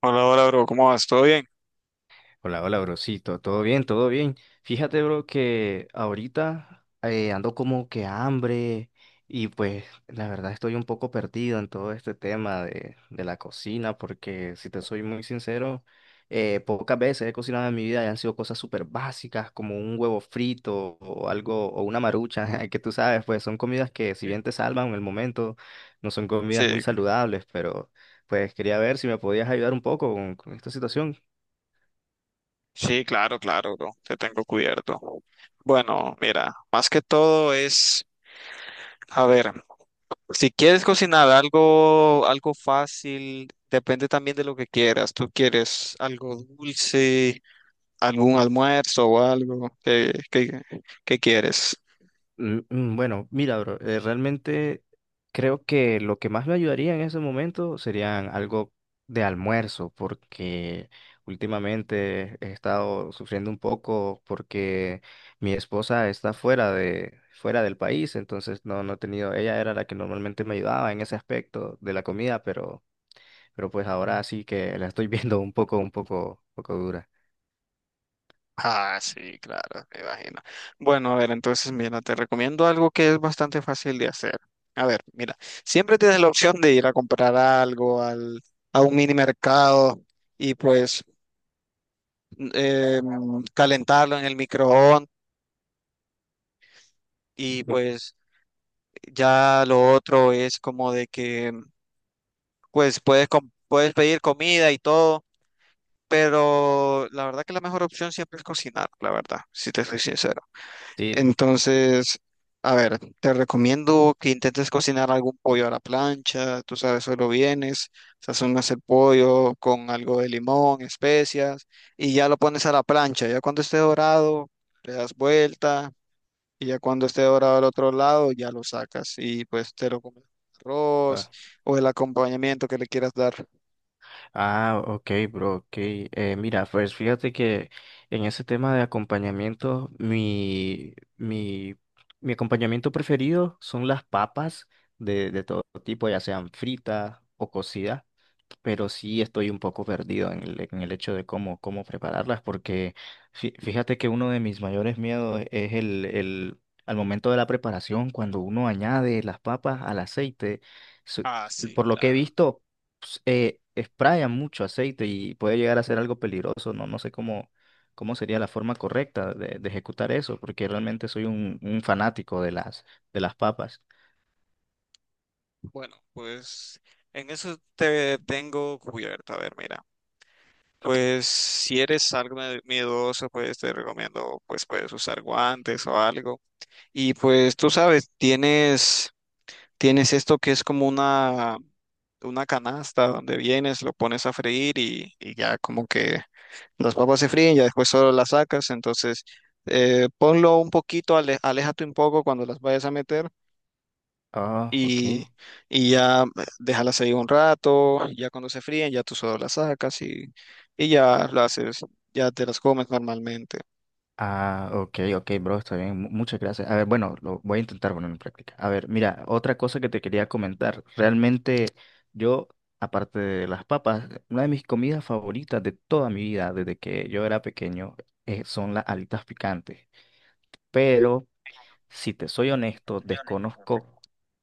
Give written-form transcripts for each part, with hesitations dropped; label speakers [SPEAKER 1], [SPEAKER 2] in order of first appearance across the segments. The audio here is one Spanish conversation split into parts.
[SPEAKER 1] Hola, hola, bro, ¿cómo vas? ¿Todo bien?
[SPEAKER 2] Hola, hola, brocito. Todo bien, todo bien. Fíjate, bro, que ahorita ando como que hambre, y pues la verdad estoy un poco perdido en todo este tema de la cocina porque si te soy muy sincero, pocas veces he cocinado en mi vida y han sido cosas súper básicas como un huevo frito o algo o una marucha, que tú sabes, pues son comidas que si bien te salvan en el momento, no son
[SPEAKER 1] Sí,
[SPEAKER 2] comidas muy saludables, pero pues quería ver si me podías ayudar un poco con esta situación.
[SPEAKER 1] sí, claro, claro, bro, te tengo cubierto. Bueno, mira, más que todo es, a ver, si quieres cocinar algo, algo fácil, depende también de lo que quieras. ¿Tú quieres algo dulce, algún almuerzo o algo? ¿¿Qué quieres?
[SPEAKER 2] Bueno, mira, bro, realmente creo que lo que más me ayudaría en ese momento serían algo de almuerzo, porque últimamente he estado sufriendo un poco porque mi esposa está fuera del país, entonces no he tenido, ella era la que normalmente me ayudaba en ese aspecto de la comida, pero pues ahora sí que la estoy viendo un poco dura.
[SPEAKER 1] Ah, sí, claro, me imagino. Bueno, a ver, entonces mira, te recomiendo algo que es bastante fácil de hacer. A ver, mira, siempre tienes la opción de ir a comprar algo al, a un mini mercado y pues calentarlo en el microondas y pues ya lo otro es como de que pues puedes, puedes pedir comida y todo, pero la verdad que la mejor opción siempre es cocinar, la verdad, si te soy sincero.
[SPEAKER 2] Sí.
[SPEAKER 1] Entonces, a ver, te recomiendo que intentes cocinar algún pollo a la plancha, tú sabes, solo vienes, sazonas el pollo con algo de limón, especias, y ya lo pones a la plancha. Ya cuando esté dorado, le das vuelta, y ya cuando esté dorado al otro lado, ya lo sacas y pues te lo comes con
[SPEAKER 2] Ah.
[SPEAKER 1] arroz o el acompañamiento que le quieras dar.
[SPEAKER 2] Ah, ok, bro, ok. Mira, pues fíjate que en ese tema de acompañamiento, mi acompañamiento preferido son las papas de todo tipo, ya sean fritas o cocidas, pero sí estoy un poco perdido en el hecho de cómo prepararlas, porque fíjate que uno de mis mayores miedos es al momento de la preparación, cuando uno añade las papas al aceite, su-
[SPEAKER 1] Ah, sí,
[SPEAKER 2] por lo que he
[SPEAKER 1] claro.
[SPEAKER 2] visto, pues, sprayan mucho aceite y puede llegar a ser algo peligroso, no sé cómo sería la forma correcta de ejecutar eso, porque realmente soy un fanático de de las papas.
[SPEAKER 1] Bueno, pues en eso te tengo cubierto. A ver, mira. Pues si eres algo miedoso, pues te recomiendo, pues puedes usar guantes o algo. Y pues tú sabes, tienes esto que es como una canasta donde vienes, lo pones a freír y ya como que las papas se fríen, ya después solo las sacas. Entonces, ponlo un poquito, aléjate un poco cuando las vayas a meter
[SPEAKER 2] Ah,
[SPEAKER 1] y,
[SPEAKER 2] ok.
[SPEAKER 1] y ya déjalas ahí un rato, ya cuando se fríen, ya tú solo las sacas y ya las haces, ya te las comes normalmente.
[SPEAKER 2] Ah, ok, ok, bro, está bien. Muchas gracias. A ver, bueno, lo voy a intentar poner en práctica. A ver, mira, otra cosa que te quería comentar. Realmente yo, aparte de las papas, una de mis comidas favoritas de toda mi vida, desde que yo era pequeño, son las alitas picantes. Pero si te soy honesto, desconozco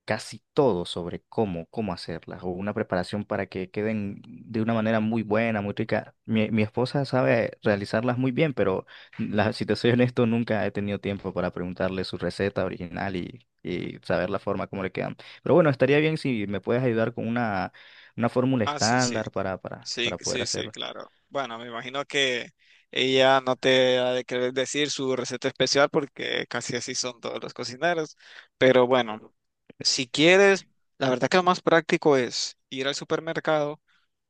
[SPEAKER 2] casi todo sobre cómo hacerlas o una preparación para que queden de una manera muy buena, muy rica. Mi esposa sabe realizarlas muy bien, pero si te soy honesto, nunca he tenido tiempo para preguntarle su receta original y saber la forma como le quedan. Pero bueno, estaría bien si me puedes ayudar con una fórmula
[SPEAKER 1] Ah, sí, sí.
[SPEAKER 2] estándar
[SPEAKER 1] Sí,
[SPEAKER 2] para poder
[SPEAKER 1] sí, sí,
[SPEAKER 2] hacerlo.
[SPEAKER 1] claro. Bueno, me imagino que ella no te ha de querer decir su receta especial porque casi así son todos los cocineros. Pero bueno, si quieres, la verdad que lo más práctico es ir al supermercado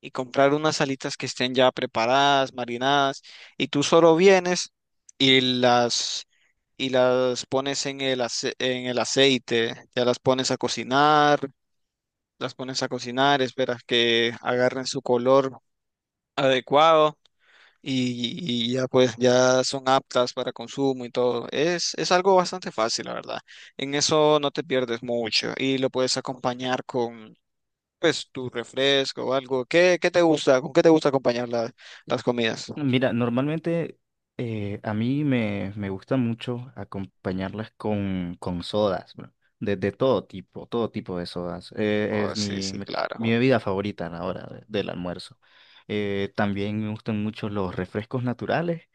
[SPEAKER 1] y comprar unas alitas que estén ya preparadas, marinadas, y tú solo vienes y las y las pones en el en el aceite, ya las pones a cocinar, las pones a cocinar, esperas que agarren su color adecuado y ya pues ya son aptas para consumo y todo. Es algo bastante fácil, la verdad. En eso no te pierdes mucho y lo puedes acompañar con pues tu refresco o algo. ¿Qué, qué te gusta? ¿Con qué te gusta acompañar las comidas?
[SPEAKER 2] Mira, normalmente a mí me gusta mucho acompañarlas con sodas, bro. De todo tipo de sodas.
[SPEAKER 1] Oh, sí, sí, claro.
[SPEAKER 2] Mi bebida favorita a del almuerzo. También me gustan mucho los refrescos naturales,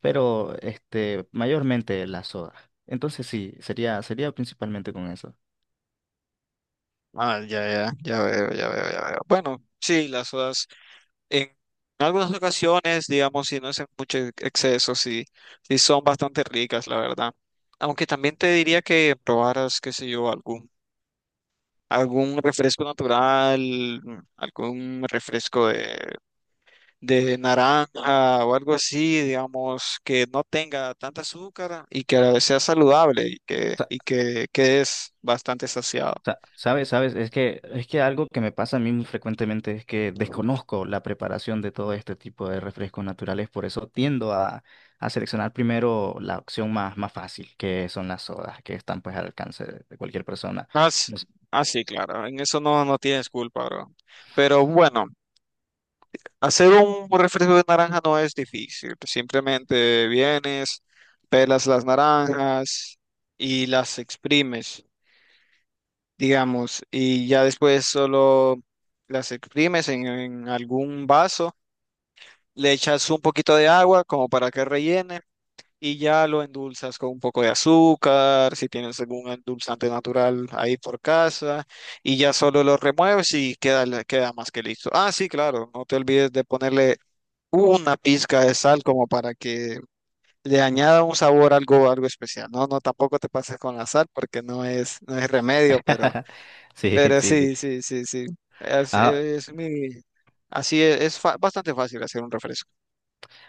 [SPEAKER 2] pero este, mayormente las sodas. Entonces sí, sería principalmente con eso.
[SPEAKER 1] Ah, ya, ya, ya veo, ya veo, ya veo. Bueno, sí, las sodas. En algunas ocasiones, digamos, si no es en mucho exceso, sí, sí son bastante ricas, la verdad. Aunque también te diría que probaras, qué sé yo, algún, algún refresco natural, algún refresco de naranja o algo así, digamos, que no tenga tanta azúcar y que a la vez sea saludable y que es bastante saciado.
[SPEAKER 2] Sabes, es que algo que me pasa a mí muy frecuentemente es que desconozco la preparación de todo este tipo de refrescos naturales, por eso tiendo a seleccionar primero la opción más fácil, que son las sodas, que están pues al alcance de cualquier persona.
[SPEAKER 1] Ah, s-
[SPEAKER 2] No sé.
[SPEAKER 1] ah, sí, claro, en eso no, no tienes culpa, bro. Pero bueno. Hacer un refresco de naranja no es difícil. Simplemente vienes, pelas las naranjas y las exprimes, digamos, y ya después solo las exprimes en algún vaso, le echas un poquito de agua como para que rellene y ya lo endulzas con un poco de azúcar, si tienes algún endulzante natural ahí por casa, y ya solo lo remueves y queda, queda más que listo. Ah, sí, claro, no te olvides de ponerle una pizca de sal como para que le añada un sabor algo, algo especial. No, no, tampoco te pases con la sal porque no es, no es remedio,
[SPEAKER 2] Sí,
[SPEAKER 1] pero
[SPEAKER 2] sí, sí.
[SPEAKER 1] sí, sí, sí, sí.
[SPEAKER 2] Ah.
[SPEAKER 1] Es mi, así es, bastante fácil hacer un refresco.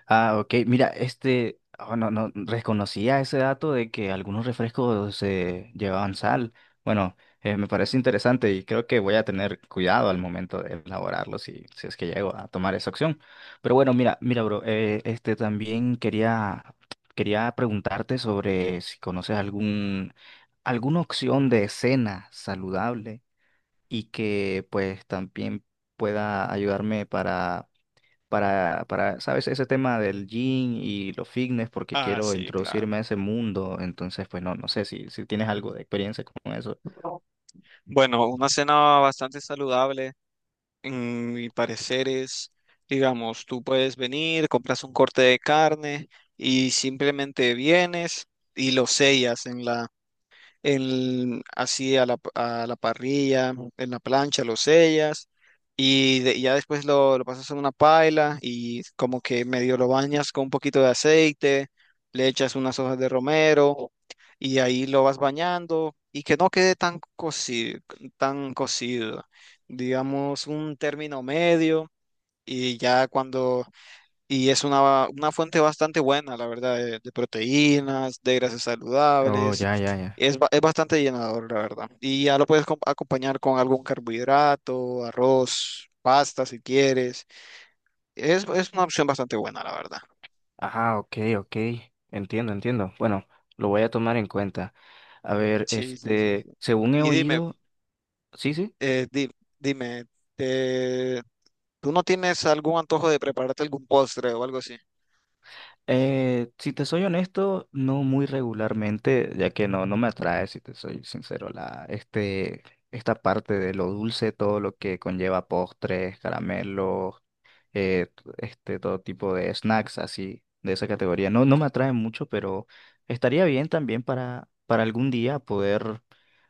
[SPEAKER 2] Ah, ok. Mira, este, oh, no reconocía ese dato de que algunos refrescos llevaban sal. Bueno, me parece interesante y creo que voy a tener cuidado al momento de elaborarlo si es que llego a tomar esa opción. Pero bueno, mira, bro, quería preguntarte sobre si conoces alguna opción de cena saludable y que pues también pueda ayudarme ¿sabes? Ese tema del gym y los fitness, porque
[SPEAKER 1] Ah,
[SPEAKER 2] quiero
[SPEAKER 1] sí, claro.
[SPEAKER 2] introducirme a ese mundo. Entonces, pues no sé si tienes algo de experiencia con eso.
[SPEAKER 1] Bueno, una cena bastante saludable, en mi parecer es, digamos, tú puedes venir, compras un corte de carne y simplemente vienes y lo sellas en la así a la parrilla, en la plancha, lo sellas y ya después lo pasas en una paila y como que medio lo bañas con un poquito de aceite, le echas unas hojas de romero y ahí lo vas bañando y que no quede tan cocido, digamos un término medio y ya cuando y es una fuente bastante buena, la verdad, de proteínas, de grasas
[SPEAKER 2] Oh,
[SPEAKER 1] saludables.
[SPEAKER 2] ya, ya, ya.
[SPEAKER 1] Es, es bastante llenador, la verdad. Y ya lo puedes acompañar con algún carbohidrato, arroz, pasta si quieres. Es una opción bastante buena, la verdad.
[SPEAKER 2] Ajá, ok, ok. Entiendo, entiendo. Bueno, lo voy a tomar en cuenta. A ver,
[SPEAKER 1] Sí, sí, sí,
[SPEAKER 2] este,
[SPEAKER 1] sí.
[SPEAKER 2] según he
[SPEAKER 1] Y dime,
[SPEAKER 2] oído, sí, sí.
[SPEAKER 1] eh, di- dime, eh, ¿tú no tienes algún antojo de prepararte algún postre o algo así?
[SPEAKER 2] Si te soy honesto, no muy regularmente, ya que no me atrae, si te soy sincero, la, este, esta parte de lo dulce, todo lo que conlleva postres, caramelos, este, todo tipo de snacks así, de esa categoría. No me atrae mucho, pero estaría bien también para algún día poder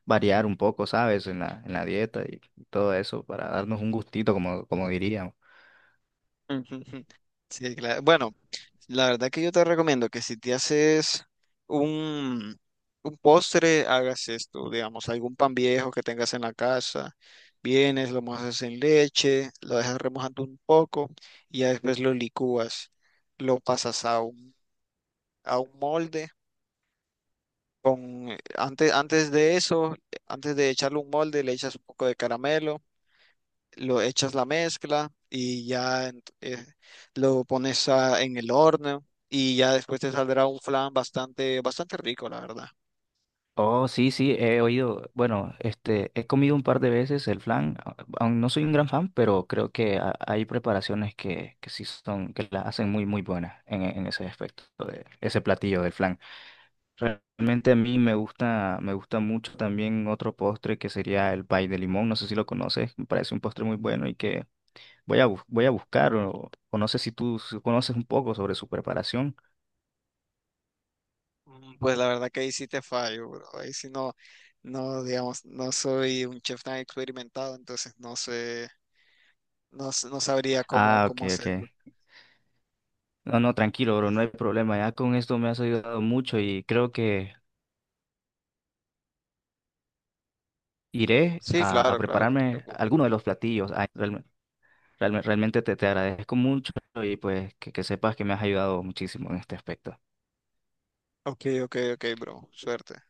[SPEAKER 2] variar un poco, ¿sabes? En en la dieta y todo eso, para darnos un gustito, como diríamos.
[SPEAKER 1] Ujú, ujú. Sí, claro. Bueno. La verdad que yo te recomiendo que si te haces un, un postre, hagas esto, digamos, algún pan viejo que tengas en la casa, vienes, lo mojas en leche, lo dejas remojando un poco y ya después lo licúas, lo pasas a un molde. Con, antes, antes de eso, antes de echarle un molde, le echas un poco de caramelo lo echas la mezcla y ya lo pones en el horno y ya después te saldrá un flan bastante, bastante rico, la verdad.
[SPEAKER 2] Oh, sí, sí, he oído. Bueno, este, he comido un par de veces el flan. Aún no soy un gran fan, pero creo que hay preparaciones que sí son, que la hacen muy buenas en, en ese aspecto de ese platillo del flan. Realmente a mí me gusta mucho también otro postre que sería el pay de limón. No sé si lo conoces, me parece un postre muy bueno y que voy voy a buscar o no sé si conoces un poco sobre su preparación.
[SPEAKER 1] Pues la verdad que ahí sí te fallo, bro. Ahí sí no, no, digamos, no soy un chef tan experimentado, entonces no sé, no, no sabría cómo,
[SPEAKER 2] Ah, ok,
[SPEAKER 1] cómo
[SPEAKER 2] ok.
[SPEAKER 1] hacerlo.
[SPEAKER 2] No, no, tranquilo, bro, no hay problema. Ya con esto me has ayudado mucho y creo que iré
[SPEAKER 1] Sí,
[SPEAKER 2] a
[SPEAKER 1] claro, claro, no
[SPEAKER 2] prepararme
[SPEAKER 1] te preocupes.
[SPEAKER 2] alguno de los platillos. Realmente te agradezco mucho y pues que sepas que me has ayudado muchísimo en este aspecto.
[SPEAKER 1] Ok, ok, ok, bro. Suerte.